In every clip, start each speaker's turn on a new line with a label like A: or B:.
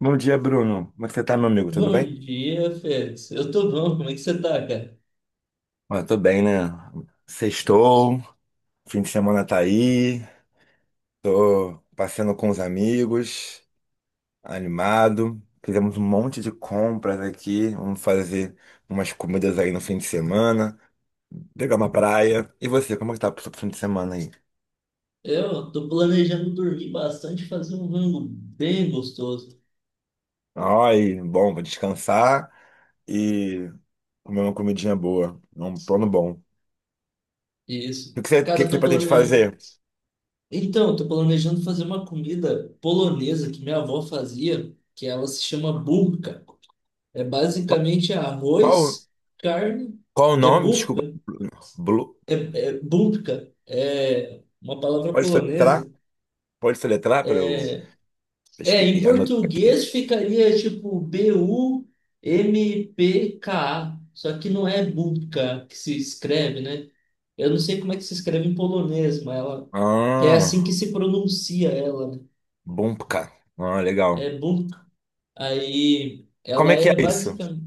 A: Bom dia, Bruno. Como é que você tá, meu amigo? Tudo
B: Bom
A: bem?
B: dia, Félix. Eu tô bom, como é que você tá, cara?
A: Olha, tô bem, né? Sextou, fim de semana tá aí, tô passeando com os amigos, animado. Fizemos um monte de compras aqui, vamos fazer umas comidas aí no fim de semana, pegar uma praia. E você, como é que tá pro seu fim de semana aí?
B: Eu tô planejando dormir bastante, fazer um rango bem gostoso.
A: Ai, bom, vou descansar e comer uma comidinha boa, um plano bom. O
B: Isso.
A: que que você, o
B: Cara,
A: que que
B: eu
A: você
B: tô
A: pretende
B: planejando.
A: fazer?
B: Então, eu tô planejando fazer uma comida polonesa que minha avó fazia, que ela se chama bubka. É basicamente
A: Qual,
B: arroz, carne,
A: qual o
B: é
A: nome? Desculpa,
B: bubka,
A: Blue.
B: é bubka, é uma palavra
A: Pode soletrar?
B: polonesa.
A: Pode soletrar para eu
B: É, em
A: anotar aqui?
B: português ficaria tipo BUMPKA, só que não é Bubka que se escreve, né? Eu não sei como é que se escreve em polonês, mas ela é
A: Ah,
B: assim que se pronuncia ela, né?
A: bom, cara. Ah, legal.
B: É bubka. Aí
A: Como
B: ela
A: é que é
B: é
A: isso?
B: basicamente.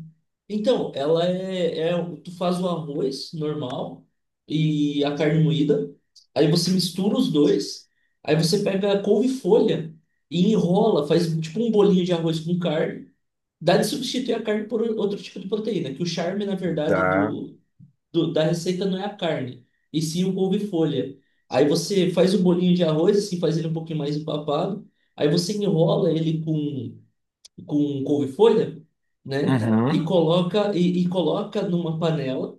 B: Então, ela é, é. Um, tu faz o arroz normal e a carne moída. Aí você mistura os dois. Aí você pega a couve-folha e enrola, faz tipo um bolinho de arroz com carne. Dá de substituir a carne por outro tipo de proteína, que o charme, na verdade,
A: Dá.
B: da receita não é a carne, e sim o couve-folha. Aí você faz o bolinho de arroz, assim, faz ele um pouquinho mais empapado. Aí você enrola ele com um couve-folha, né? E
A: Uhum.
B: coloca e, e coloca numa panela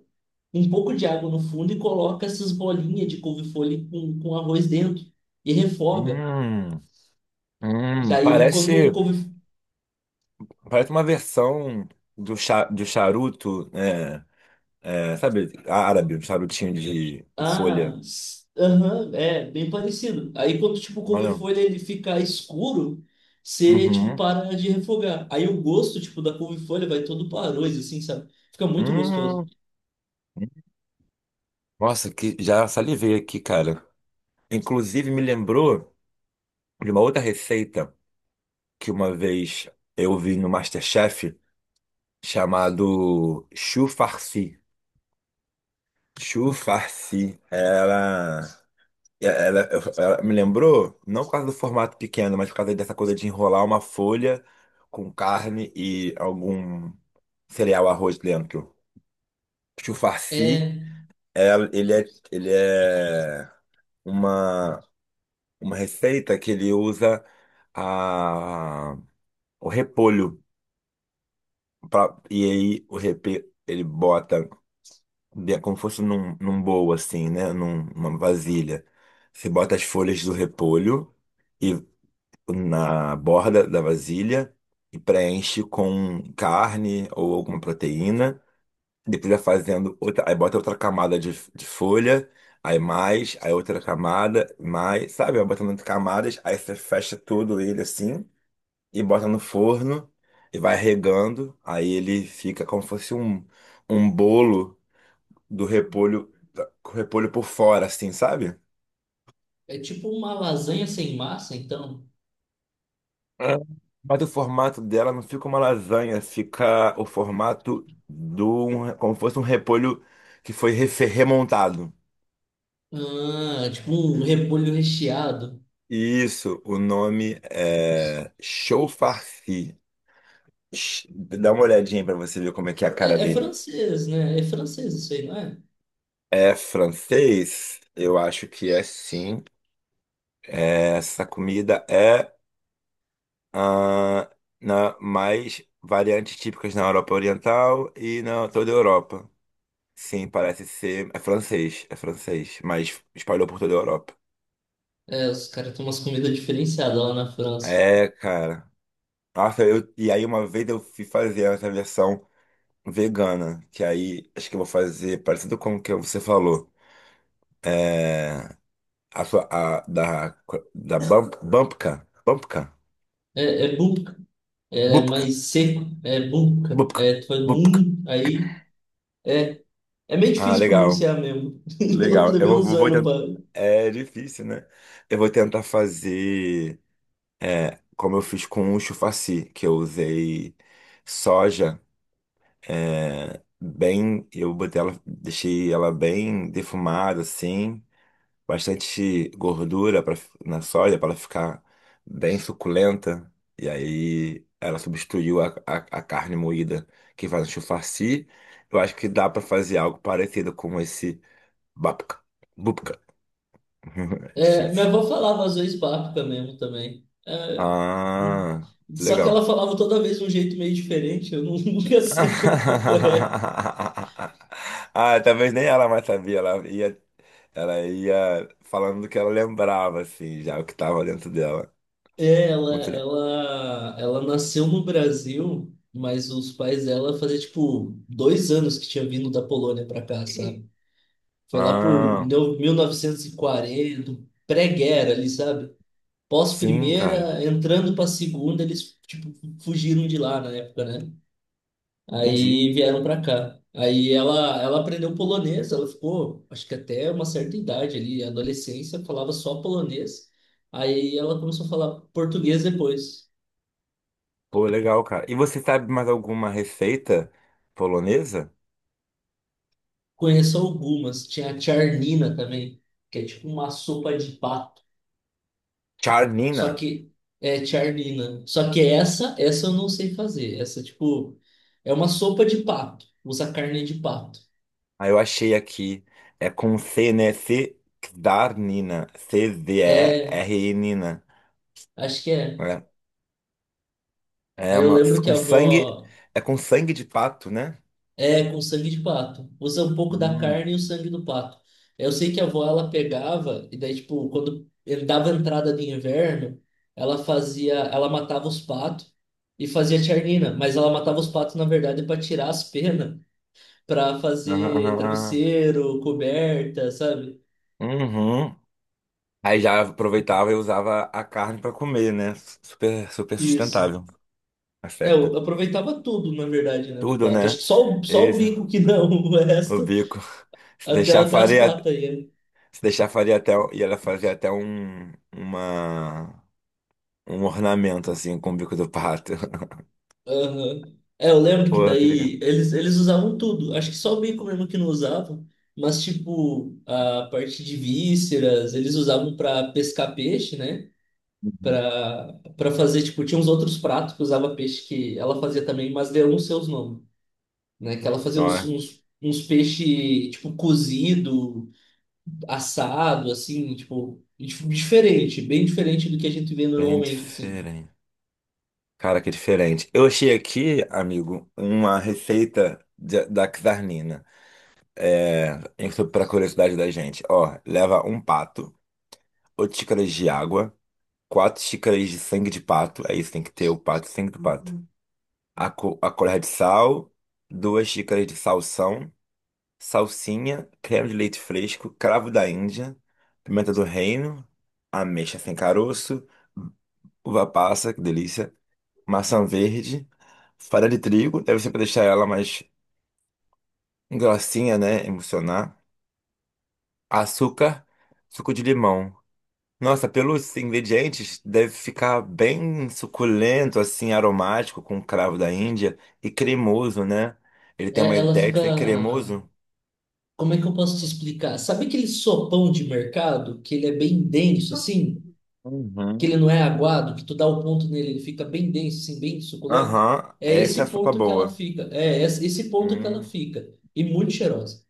B: um pouco de água no fundo e coloca essas bolinhas de couve-folha com arroz dentro e refoga.
A: Hum, hum,
B: Daí quando o
A: parece,
B: couve
A: parece uma versão do charuto, é, é, sabe, árabe, um charutinho de com folha.
B: ah, s- Aham, é bem parecido. Aí quando tipo o
A: Olha.
B: couve-folha ele fica escuro, você tipo
A: Uhum.
B: para de refogar. Aí o gosto tipo da couve-folha vai todo para arroz assim, sabe? Fica muito gostoso.
A: Hum. Nossa, que já salivei aqui, cara. Inclusive me lembrou de uma outra receita que uma vez eu vi no MasterChef chamado Chu Farsi. Chu Farsi, ela, ela, ela me lembrou, não por causa do formato pequeno, mas por causa dessa coisa de enrolar uma folha com carne e algum cereal, arroz dentro. Chu Farsi,
B: É,
A: ela- ele é, ele é uma, uma receita que ele usa a, o repolho. E aí o repolho, ele bota como fosse num bowl, assim, né? Numa vasilha. Você bota as folhas do repolho e na borda da vasilha e preenche com carne ou alguma proteína. Depois vai fazendo outra, aí bota outra camada de folha, aí mais, aí outra camada, mais, sabe? Vai botando camadas, aí você fecha todo ele assim e bota no forno e vai regando, aí ele fica como se fosse um, um bolo do repolho, com o repolho por fora, assim, sabe?
B: é tipo uma lasanha sem massa, então.
A: Ah, mas o formato dela não fica uma lasanha, fica o formato do, um, como se fosse um repolho que foi remontado.
B: Ah, tipo um repolho recheado.
A: Isso, o nome é Chaufarci. Dá uma olhadinha pra você ver como é que é a cara
B: É
A: dele.
B: francês, né? É francês isso aí, não é?
A: É francês? Eu acho que é sim. É, essa comida é ah, na, mais variantes típicas na Europa Oriental e na toda a Europa. Sim, parece ser. É francês, mas espalhou por toda a Europa.
B: É, os caras têm umas comidas diferenciadas lá na França.
A: É, cara. Nossa, eu, e aí uma vez eu fui fazer essa versão vegana, que aí acho que eu vou fazer parecido com o que você falou. É, a sua, da Bump, Bumpka, Bumpka,
B: É boubka, é
A: Bupka,
B: mais seco, é boubka,
A: Bupka,
B: é
A: Bupka.
B: toimin, aí... É meio
A: Ah,
B: difícil
A: legal.
B: pronunciar mesmo. Eu
A: Legal. Eu
B: levei uns
A: vou, vou
B: anos
A: tentar.
B: pra...
A: É difícil, né? Eu vou tentar fazer como eu fiz com o chufaci, que eu usei soja, é, bem. Eu botei ela, deixei ela bem defumada, assim, bastante gordura pra, na soja para ela ficar bem suculenta. E aí ela substituiu a carne moída que faz no chufaci. Eu acho que dá para fazer algo parecido com esse babka. É
B: É, minha
A: difícil.
B: avó falava às vezes babka mesmo também. É,
A: Ah,
B: só que
A: legal.
B: ela falava toda vez de um jeito meio diferente, eu nunca sei qual que é o correto.
A: Ah, talvez nem ela mais sabia. Ela ia falando do que ela lembrava, assim, já o que tava dentro dela.
B: É, ela,
A: Muito legal.
B: ela, ela nasceu no Brasil, mas os pais dela fazia tipo 2 anos que tinha vindo da Polônia para cá, sabe? Foi lá por
A: Ah,
B: mil- novecentos e quarenta, pré-guerra ali, sabe?
A: sim, cara.
B: Pós-primeira, entrando para segunda, eles tipo fugiram de lá na época, né?
A: Entendi.
B: Aí vieram para cá. Aí ela aprendeu polonês, ela ficou, acho que até uma certa idade ali, adolescência, falava só polonês. Aí ela começou a falar português depois.
A: Pô, legal, cara. E você sabe mais alguma receita polonesa?
B: Conheço algumas. Tinha a charnina também, que é tipo uma sopa de pato. Só
A: Czarnina.
B: que é charnina. Só que essa eu não sei fazer. Essa, tipo, é uma sopa de pato. Usa carne de pato.
A: Ah, eu achei aqui. É com C, né? C, Czarnina.
B: É,
A: C-Z-E-R-Nina.
B: acho que é.
A: É,
B: Aí eu
A: mano,
B: lembro que
A: com
B: a
A: sangue.
B: avó.
A: É com sangue de pato, né?
B: É, com sangue de pato. Usa um pouco da
A: Hum.
B: carne e o sangue do pato. Eu sei que a avó, ela pegava, e daí, tipo, quando ele dava entrada de inverno, ela matava os patos e fazia tiarnina, mas ela matava os patos, na verdade, para tirar as penas, para
A: Aham,
B: fazer
A: aham, aham.
B: travesseiro, coberta, sabe?
A: Uhum. Aí já aproveitava e usava a carne pra comer, né? Super, super
B: Isso.
A: sustentável.
B: É,
A: Acerta.
B: eu aproveitava tudo, na verdade, né, do
A: Tudo,
B: pato. Acho
A: né?
B: que só o
A: Esse,
B: bico que não, o
A: o
B: resto,
A: bico. Se
B: até,
A: deixar
B: até as
A: faria,
B: patas aí, né?
A: se deixar faria até, e ela fazia até um ornamento assim com o bico do pato.
B: Aham. É, eu lembro que
A: Pô, que legal.
B: daí eles usavam tudo. Acho que só o bacon mesmo que não usavam. Mas, tipo, a parte de vísceras, eles usavam para pescar peixe, né? Para fazer, tipo, tinha uns outros pratos que usava peixe que ela fazia também, mas deu uns seus nomes, né? Que ela fazia
A: Ó,
B: uns peixe, tipo, cozido, assado, assim, tipo, diferente, bem diferente do que a gente vê
A: bem
B: normalmente, assim.
A: diferente. Cara, que diferente. Eu achei aqui, amigo, uma receita da Czarnina. É, para curiosidade da gente. Ó, leva um pato, 8 xícaras de água, 4 xícaras de sangue de pato. É isso, tem que ter o pato, sangue do pato. Uhum. A, a colher de sal, duas xícaras de salsão, salsinha, creme de leite fresco, cravo da Índia, pimenta do reino, ameixa sem caroço, uva passa, que delícia. Maçã verde, farinha de trigo, deve ser para deixar ela mais grossinha, né? Emulsionar. Açúcar, suco de limão. Nossa, pelos ingredientes, deve ficar bem suculento, assim, aromático, com cravo da Índia e cremoso, né? Ele tem uma
B: É, ela
A: ideia de
B: fica.
A: ser cremoso.
B: Como é que eu posso te explicar? Sabe aquele sopão de mercado que ele é bem denso assim, que ele
A: Uhum.
B: não é aguado, que tu dá o ponto nele, ele fica bem denso, assim, bem suculento?
A: Aham,
B: É
A: essa é a
B: esse
A: sopa
B: ponto que ela
A: boa.
B: fica. É esse ponto que ela
A: Hum,
B: fica e muito cheirosa.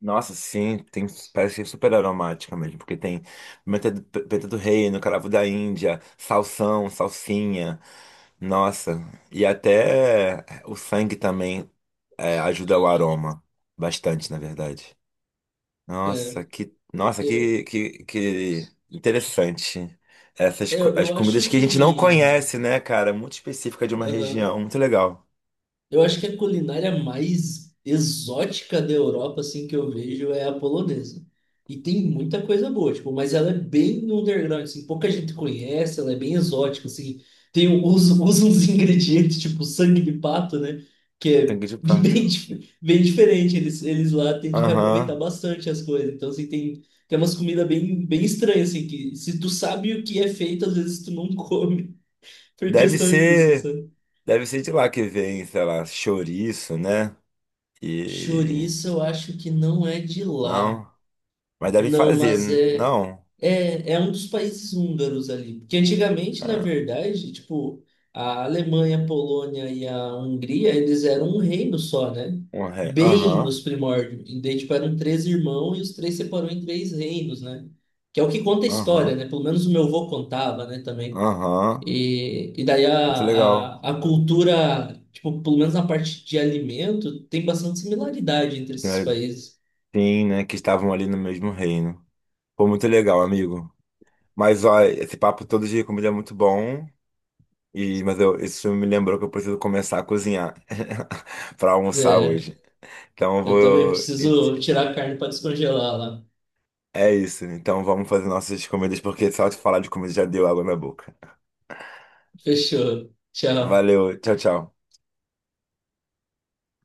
A: nossa, sim, tem, parece que é super aromática mesmo, porque tem pimenta do reino, cravo da Índia, salsão, salsinha. Nossa, e até o sangue também é, ajuda o aroma. Bastante, na verdade.
B: É,
A: Nossa, que, nossa,
B: eu,
A: que, que, que interessante. Essas co-
B: eu
A: as
B: eu acho
A: comidas que a gente não
B: que.
A: conhece, né, cara? Muito específica de uma
B: Aham.
A: região. Muito legal.
B: Eu acho que a culinária mais exótica da Europa, assim, que eu vejo é a polonesa. E tem muita coisa boa, tipo, mas ela é bem no underground, assim, pouca gente conhece, ela é bem exótica, assim. Usa uns ingredientes, tipo sangue de pato, né? Que é
A: Sangue de
B: bem,
A: pato.
B: bem diferente. Eles lá tendem a reaproveitar
A: Aham.
B: bastante as coisas. Então, assim, tem umas comidas bem, bem estranhas, assim, que se tu sabe o que é feito, às vezes tu não come por
A: Deve
B: questão disso,
A: ser,
B: sabe?
A: deve ser de lá que vem, sei lá, chouriço, né? E
B: Chouriço, eu acho que não é de lá.
A: não, mas devem
B: Não,
A: fazer,
B: mas é,
A: não?
B: é, é um dos países húngaros ali. Porque antigamente, na
A: Ah,
B: verdade, tipo, a Alemanha, a Polônia e a Hungria, eles eram um reino só, né?
A: um ré.
B: Bem
A: Aham.
B: nos primórdios. E daí, tipo, eram três irmãos e os três separou em três reinos, né? Que é o que conta a história,
A: Aham.
B: né? Pelo menos o meu avô contava, né, também.
A: Aham.
B: E daí
A: Muito legal.
B: a cultura, tipo, pelo menos na parte de alimento, tem bastante similaridade entre esses
A: Né?
B: países.
A: Sim, né? Que estavam ali no mesmo reino. Foi muito legal, amigo. Mas, ó, esse papo todo de comida é muito bom. E, mas eu, isso me lembrou que eu preciso começar a cozinhar para almoçar
B: É,
A: hoje. Então eu
B: eu também
A: vou.
B: preciso tirar a carne para descongelar lá.
A: É isso. Então vamos fazer nossas comidas, porque só de falar de comida já deu água na boca.
B: Fechou. Tchau.
A: Valeu, tchau, tchau.